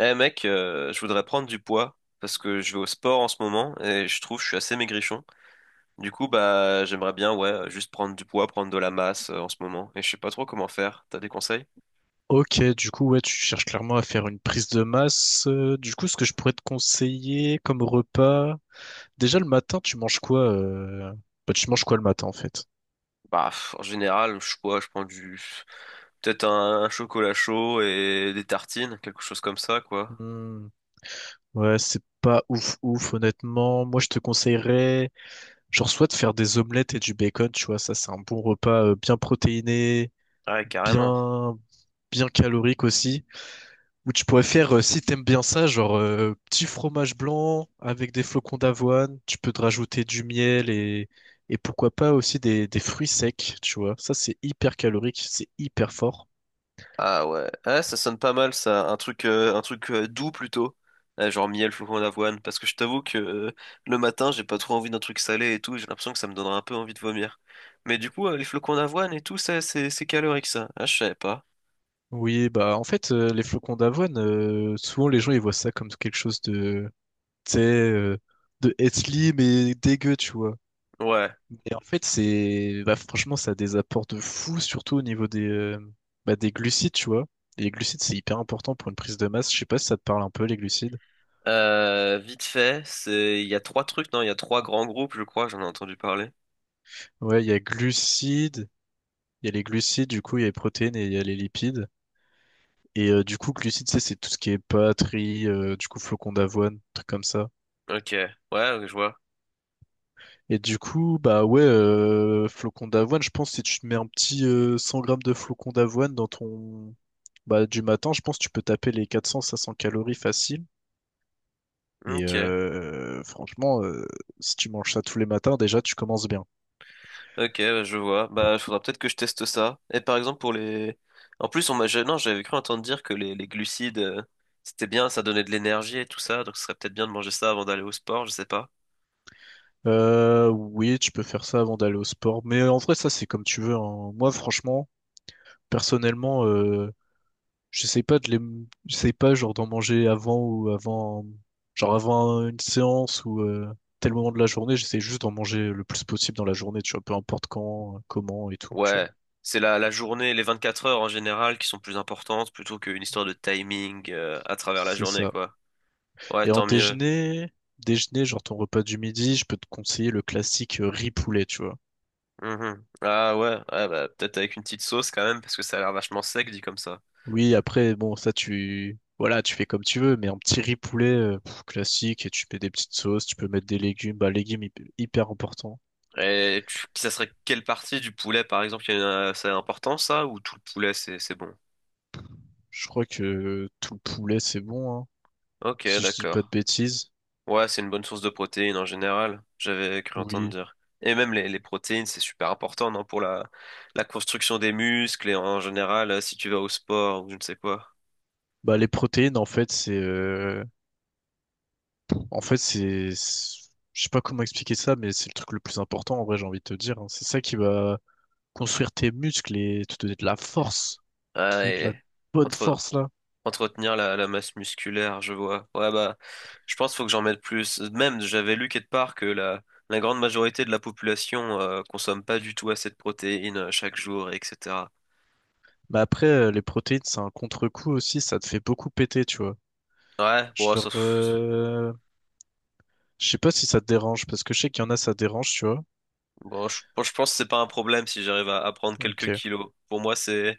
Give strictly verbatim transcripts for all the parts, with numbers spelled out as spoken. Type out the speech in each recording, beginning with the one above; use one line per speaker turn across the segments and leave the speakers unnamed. Eh mec, euh, je voudrais prendre du poids parce que je vais au sport en ce moment et je trouve que je suis assez maigrichon. Du coup, bah j'aimerais bien, ouais, juste prendre du poids, prendre de la masse euh, en ce moment et je sais pas trop comment faire. T'as des conseils?
Ok, du coup, ouais, tu cherches clairement à faire une prise de masse. Euh, du coup, ce que je pourrais te conseiller comme repas, déjà le matin, tu manges quoi euh... bah, tu manges quoi le matin en fait?
Bah pff, en général, je quoi, je prends du, peut-être un, un chocolat chaud et des tartines, quelque chose comme ça quoi.
Hmm. Ouais, c'est pas ouf ouf, honnêtement. Moi, je te conseillerais, genre, soit de faire des omelettes et du bacon, tu vois, ça, c'est un bon repas euh, bien protéiné,
Ouais, carrément.
bien, bien calorique aussi. Ou tu pourrais faire, euh, si t'aimes bien ça, genre euh, petit fromage blanc avec des flocons d'avoine. Tu peux te rajouter du miel et, et pourquoi pas aussi des, des fruits secs, tu vois. Ça, c'est hyper calorique, c'est hyper fort.
Ah ouais. Ah, ça sonne pas mal ça. Un truc, euh, un truc euh, doux plutôt. Euh, genre miel, flocons d'avoine. Parce que je t'avoue que euh, le matin, j'ai pas trop envie d'un truc salé et tout. J'ai l'impression que ça me donnera un peu envie de vomir. Mais du coup, euh, les flocons d'avoine et tout, ça, c'est c'est calorique ça. Ah, je savais pas.
Oui, bah en fait, euh, les flocons d'avoine, euh, souvent les gens ils voient ça comme quelque chose de, tu sais, euh, de healthy mais dégueu, tu vois.
Ouais.
Et en fait, c'est bah, franchement, ça a des apports de fou, surtout au niveau des, euh, bah, des glucides, tu vois. Les glucides, c'est hyper important pour une prise de masse. Je sais pas si ça te parle un peu, les glucides.
Euh, vite fait, c'est, il y a trois trucs, non? Il y a trois grands groupes, je crois, j'en ai entendu parler.
Ouais, il y a glucides, il y a les glucides, du coup, il y a les protéines et il y a les lipides. Et euh, du coup, glucides, c'est c'est tout ce qui est pâtes, riz, euh, du coup, flocons d'avoine, trucs comme ça.
Ok. Ouais, ouais, je vois.
Et du coup, bah ouais, euh, flocons d'avoine, je pense que si tu te mets un petit euh, cent grammes de flocons d'avoine dans ton... Bah, du matin, je pense que tu peux taper les quatre cents à cinq cents calories faciles. Et
Ok.
euh, franchement, euh, si tu manges ça tous les matins, déjà, tu commences bien.
Ok, bah, je vois. Bah, il faudra peut-être que je teste ça. Et par exemple, pour les... En plus, on m'a... je- Non, j'avais cru entendre dire que les, les glucides, euh, c'était bien, ça donnait de l'énergie et tout ça, donc ce serait peut-être bien de manger ça avant d'aller au sport, je sais pas.
Euh, oui, tu peux faire ça avant d'aller au sport. Mais euh, en vrai, ça, c'est comme tu veux, hein. Moi, franchement, personnellement, euh, j'essaie pas de les, j'essaie pas genre d'en manger avant ou avant, genre avant une séance ou euh, tel moment de la journée. J'essaie juste d'en manger le plus possible dans la journée, tu vois, peu importe quand, comment et tout, tu vois.
Ouais, c'est la, la journée, les vingt-quatre heures en général qui sont plus importantes plutôt qu'une histoire de timing, euh, à travers la
C'est
journée,
ça.
quoi. Ouais,
Et en
tant mieux.
déjeuner, déjeuner, genre ton repas du midi, je peux te conseiller le classique euh, riz poulet, tu vois.
Mhm. Ah ouais, ouais bah, peut-être avec une petite sauce quand même, parce que ça a l'air vachement sec dit comme ça.
Oui, après, bon, ça, tu, voilà, tu fais comme tu veux, mais un petit riz poulet euh, pff, classique et tu mets des petites sauces, tu peux mettre des légumes, bah, légumes hy- hyper important.
Et tu- ça serait quelle partie du poulet, par exemple, qui a- ça important, ça, ou tout le poulet, c'est c'est bon?
Je crois que tout le poulet, c'est bon, hein,
Ok,
si je dis pas de
d'accord.
bêtises.
Ouais, c'est une bonne source de protéines en général, j'avais cru entendre
Oui.
dire. Et même les, les protéines, c'est super important, non, pour la, la construction des muscles et en général, euh, si tu vas au sport ou je ne sais quoi.
Bah, les protéines, en fait, c'est, euh, en fait, c'est, c'est- je sais pas comment expliquer ça, mais c'est le truc le plus important, en vrai, j'ai envie de te dire, hein. C'est ça qui va construire tes muscles et te donner de la force, te donner de
Ouais,
la
et
bonne
entre,
force là.
Entretenir la, la masse musculaire, je vois. Ouais, bah, je pense qu'il faut que j'en mette plus. Même, j'avais lu quelque part que la, la grande majorité de la population euh, consomme pas du tout assez de protéines euh, chaque jour, et cetera.
Mais après, euh, les protéines, c'est un contre-coup aussi, ça te fait beaucoup péter, tu vois.
Ouais, bon, ça-
Genre, euh, je sais pas si ça te dérange, parce que je sais qu'il y en a, ça dérange, tu vois.
bon, je, bon, je pense que c'est pas un problème si j'arrive à, à prendre
Ok,
quelques kilos. Pour moi, c'est,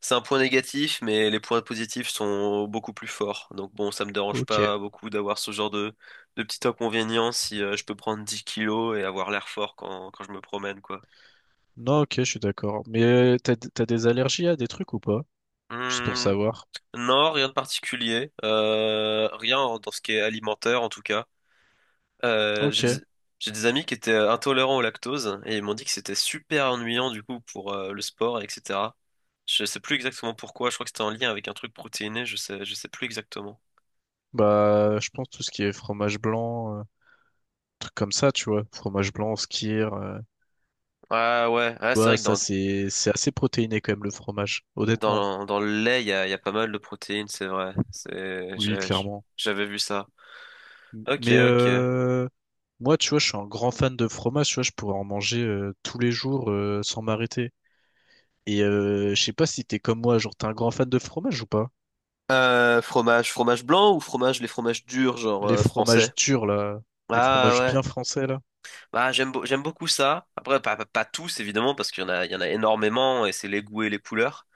c'est un point négatif, mais les points positifs sont beaucoup plus forts. Donc bon, ça me dérange
ok.
pas beaucoup d'avoir ce genre de, de petit inconvénient si euh, je peux prendre dix kilos et avoir l'air fort quand, quand je me promène, quoi.
Non, ok, je suis d'accord. Mais euh, t'as, t'as des allergies à des trucs ou pas? Juste pour
Hmm,
savoir.
non, rien de particulier. Euh, rien en- Dans ce qui est alimentaire, en tout cas. Euh, j'ai
Ok,
des, j'ai des amis qui étaient euh, intolérants au lactose et ils m'ont dit que c'était super ennuyant du coup pour euh, le sport, et cetera. Je sais plus exactement pourquoi. Je crois que c'était en lien avec un truc protéiné. Je sais, je sais plus exactement.
bah, je pense tout ce qui est fromage blanc, euh, trucs comme ça, tu vois. Fromage blanc, skyr, euh,
Ah ouais,
tu
ouais, c'est
vois,
vrai que
ça,
dans,
c'est, c'est assez protéiné quand même, le fromage, honnêtement.
dans, dans le lait, il y a, il y a pas mal de protéines, c'est vrai. C'est,
Oui,
j'ai-
clairement.
j'avais vu ça. Ok,
Mais
ok.
euh, moi, tu vois, je suis un grand fan de fromage, tu vois, je pourrais en manger euh, tous les jours euh, sans m'arrêter. Et euh, je sais pas si t'es comme moi, genre t'es un grand fan de fromage ou pas?
Euh, fromage, fromage blanc ou fromage, les fromages durs, genre
Les
euh, français?
fromages durs là, les
Ah
fromages
ouais.
bien français là.
Bah, j'aime beau- j'aime beaucoup ça. Après, pas, pas, pas tous, évidemment, parce qu'il y en a, il y en a énormément et c'est les goûts et les couleurs.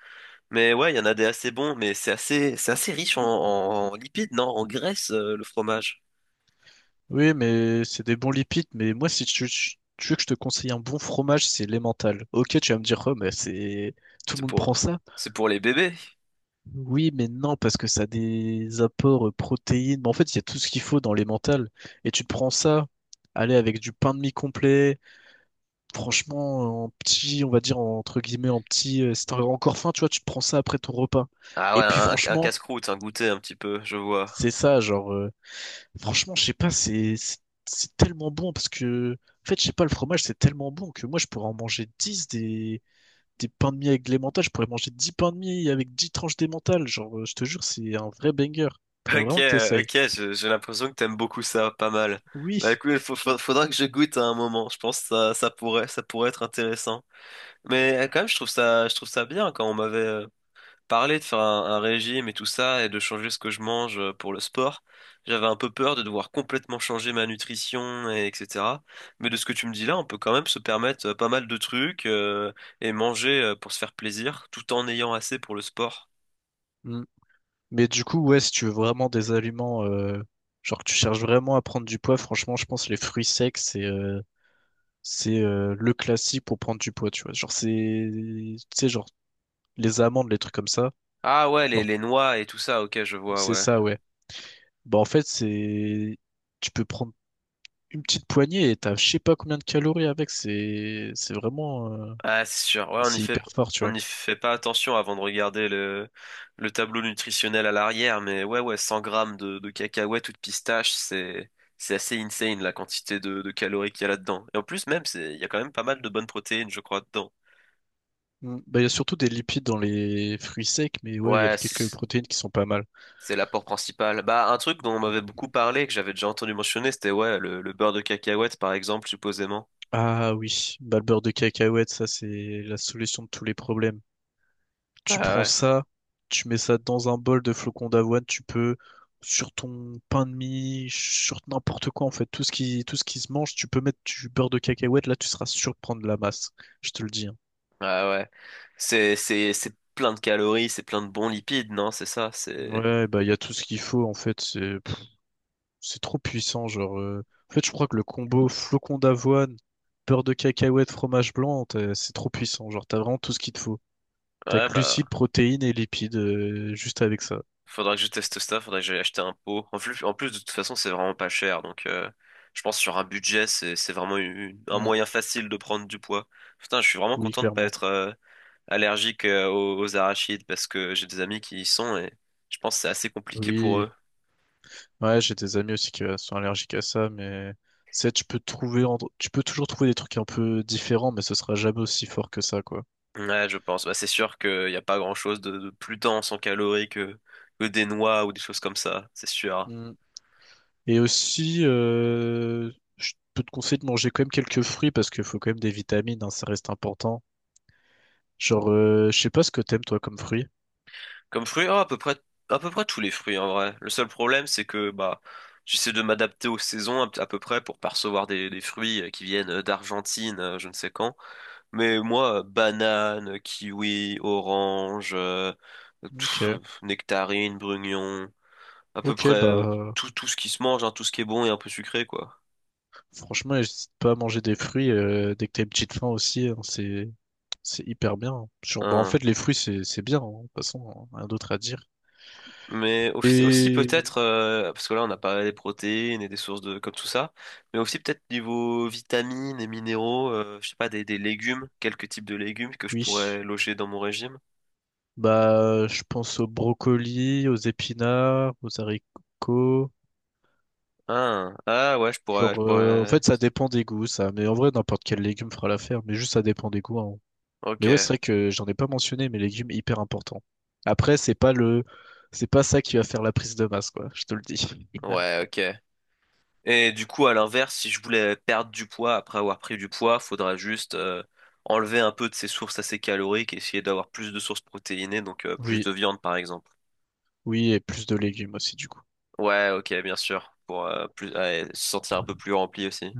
Mais ouais, il y en a des assez bons, mais c'est assez, c'est assez riche en, en- en lipides, non? En graisse, euh, le fromage.
Oui, mais c'est des bons lipides, mais moi si tu, tu veux que je te conseille un bon fromage, c'est l'emmental. Ok, tu vas me dire, oh, mais c'est tout le
C'est
monde
pour,
prend ça.
c'est pour les bébés.
Oui, mais non, parce que ça a des apports euh, protéines. Mais en fait, il y a tout ce qu'il faut dans les mentales. Et tu te prends ça, allez, avec du pain de mie complet, franchement, en petit, on va dire, en- entre guillemets, en petit, euh, si t'as encore faim, tu vois, tu te prends ça après ton repas.
Ah
Et
ouais,
puis,
un, un
franchement,
casse-croûte, un goûter un petit peu, je vois.
c'est ça, genre, euh, franchement, je sais pas, c'est, c'est c'est tellement bon parce que, en fait, je sais pas, le fromage, c'est tellement bon que moi, je pourrais en manger dix des, des pains de mie avec de l'emmental, je pourrais manger dix pains de mie avec dix tranches d'emmental. Genre, euh, je te jure, c'est un vrai banger. Faudrait
Ok,
vraiment que
euh,
t'essayes.
ok, je- j'ai l'impression que t'aimes beaucoup ça, pas mal. Bah
Oui.
écoute, il faudra que je goûte à un moment. Je pense que ça, ça pourrait, ça pourrait être intéressant. Mais euh, quand même, je trouve ça, je trouve ça bien quand on m'avait, euh, parler de faire un, un régime et tout ça et de changer ce que je mange euh, pour le sport. J'avais un peu peur de devoir complètement changer ma nutrition et etc. Mais de ce que tu me dis là, on peut quand même se permettre euh, pas mal de trucs euh, et manger euh, pour se faire plaisir tout en ayant assez pour le sport.
Mm. Mais du coup, ouais, si tu veux vraiment des aliments, euh, genre que tu cherches vraiment à prendre du poids, franchement, je pense que les fruits secs, c'est euh, c'est euh, le classique pour prendre du poids, tu vois. Genre, c'est, tu sais, genre, les amandes, les trucs comme ça.
Ah ouais, les,
Genre,
les noix et tout ça, ok, je vois,
c'est
ouais.
ça, ouais. Bah, en fait, c'est, tu peux prendre une petite poignée et t'as je sais pas combien de calories avec. C'est, c'est vraiment, euh,
Ah, c'est sûr. Ouais, on y
c'est
fait,
hyper fort, tu
on
vois.
y fait pas attention avant de regarder le, le tableau nutritionnel à l'arrière, mais ouais, ouais, cent grammes de, de cacahuètes ou de pistaches, c'est, c'est assez insane la quantité de, de calories qu'il y a là-dedans. Et en plus, même, c'est, il y a quand même pas mal de bonnes protéines, je crois, dedans.
Mm. Bah, il y a surtout des lipides dans les fruits secs, mais ouais, il y a
Ouais,
quelques
c'est,
protéines qui sont pas mal.
c'est l'apport principal. Bah, un truc dont on
Mm.
m'avait beaucoup parlé, que j'avais déjà entendu mentionner, c'était, ouais, le, le beurre de cacahuète, par exemple, supposément.
Ah oui, bah, le beurre de cacahuète, ça c'est la solution de tous les problèmes. Tu
Ah
prends
ouais,
ça, tu mets ça dans un bol de flocons d'avoine, tu peux sur ton pain de mie, sur n'importe quoi en fait, tout ce qui tout ce qui se mange, tu peux mettre du beurre de cacahuète, là tu seras sûr de prendre de la masse. Je te le dis, hein.
ah ouais. C'est, c'est, c'est plein de calories, c'est plein de bons lipides, non? C'est ça, c'est,
Ouais, bah il y a tout ce qu'il faut en fait, c'est c'est trop puissant, genre, euh, en fait, je crois que le combo flocon d'avoine, beurre de cacahuète, fromage blanc, t'as- c'est trop puissant. Genre, t'as vraiment tout ce qu'il te faut. T'as
ouais,
glucides,
bah.
protéines et lipides euh, juste avec ça.
Faudra que je teste ça, faudra que j'aille acheter un pot. En plus, en plus, de toute façon, c'est vraiment pas cher. Donc, euh, je pense que sur un budget, c'est, c'est vraiment une- un
Mm.
moyen facile de prendre du poids. Putain, je suis vraiment
Oui,
content de pas
clairement.
être euh, allergique euh, aux, aux arachides parce que j'ai des amis qui y sont et je pense que c'est assez compliqué pour
Oui.
eux.
Ouais, j'ai des amis aussi qui euh, sont allergiques à ça, mais c'est tu peux trouver, en- tu peux toujours trouver des trucs un peu différents, mais ce sera jamais aussi fort que ça, quoi.
Ouais, je pense. Bah, c'est sûr qu'il n'y a pas grand-chose de, de plus dense en calories que, que des noix ou des choses comme ça, c'est sûr.
Mm. Et aussi, euh, je peux te conseiller de manger quand même quelques fruits parce qu'il faut quand même des vitamines, hein, ça reste important. Genre, euh, je sais pas ce que t'aimes toi comme fruit.
Comme fruit, oh, à peu près, à peu près tous les fruits en vrai. Le seul problème, c'est que bah, j'essaie de m'adapter aux saisons à, à peu près pour pas recevoir des, des fruits euh, qui viennent euh, d'Argentine, euh, je ne sais quand. Mais moi, euh, banane, kiwi, orange, euh, pff,
Ok,
euh, nectarine, brugnon, à peu
ok,
près euh,
bah
tout, tout ce qui se mange, hein, tout ce qui est bon et un peu sucré, quoi.
franchement, n'hésite pas à manger des fruits euh, dès que t'as une petite faim aussi, hein, c'est c'est hyper bien, hein. Genre, bah en
Hein.
fait, les fruits c'est c'est bien, hein, de toute façon, hein, rien d'autre à dire.
Mais aussi, aussi
Et
peut-être, euh, parce que là on a parlé des protéines et des sources de comme tout ça, mais aussi peut-être niveau vitamines et minéraux, euh, je sais pas, des, des légumes, quelques types de légumes que je pourrais
oui,
loger dans mon régime.
bah je pense aux brocolis, aux épinards, aux haricots.
Ah, ah ouais, je pourrais, je
Genre, euh, en
pourrais.
fait, ça dépend des goûts, ça. Mais en vrai, n'importe quel légume fera l'affaire. Mais juste, ça dépend des goûts, hein.
Ok,
Mais ouais, c'est vrai que j'en ai pas mentionné, mais légumes hyper important. Après, c'est pas le, c'est pas ça qui va faire la prise de masse, quoi. Je te le dis.
ouais, ok. Et du coup, à l'inverse, si je voulais perdre du poids après avoir pris du poids, faudra juste euh, enlever un peu de ces sources assez caloriques et essayer d'avoir plus de sources protéinées, donc euh, plus
Oui,
de viande par exemple.
oui, et plus de légumes aussi, du coup.
Ouais, ok, bien sûr. Pour euh, plus, ouais, se sentir un peu plus rempli aussi.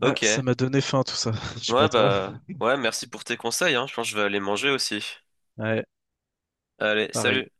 Ouais,
Ok.
ça m'a donné faim tout ça. Je sais
Ouais,
pas toi.
bah, ouais, merci pour tes conseils, hein. Je pense que je vais aller manger aussi.
Ouais,
Allez,
pareil.
salut.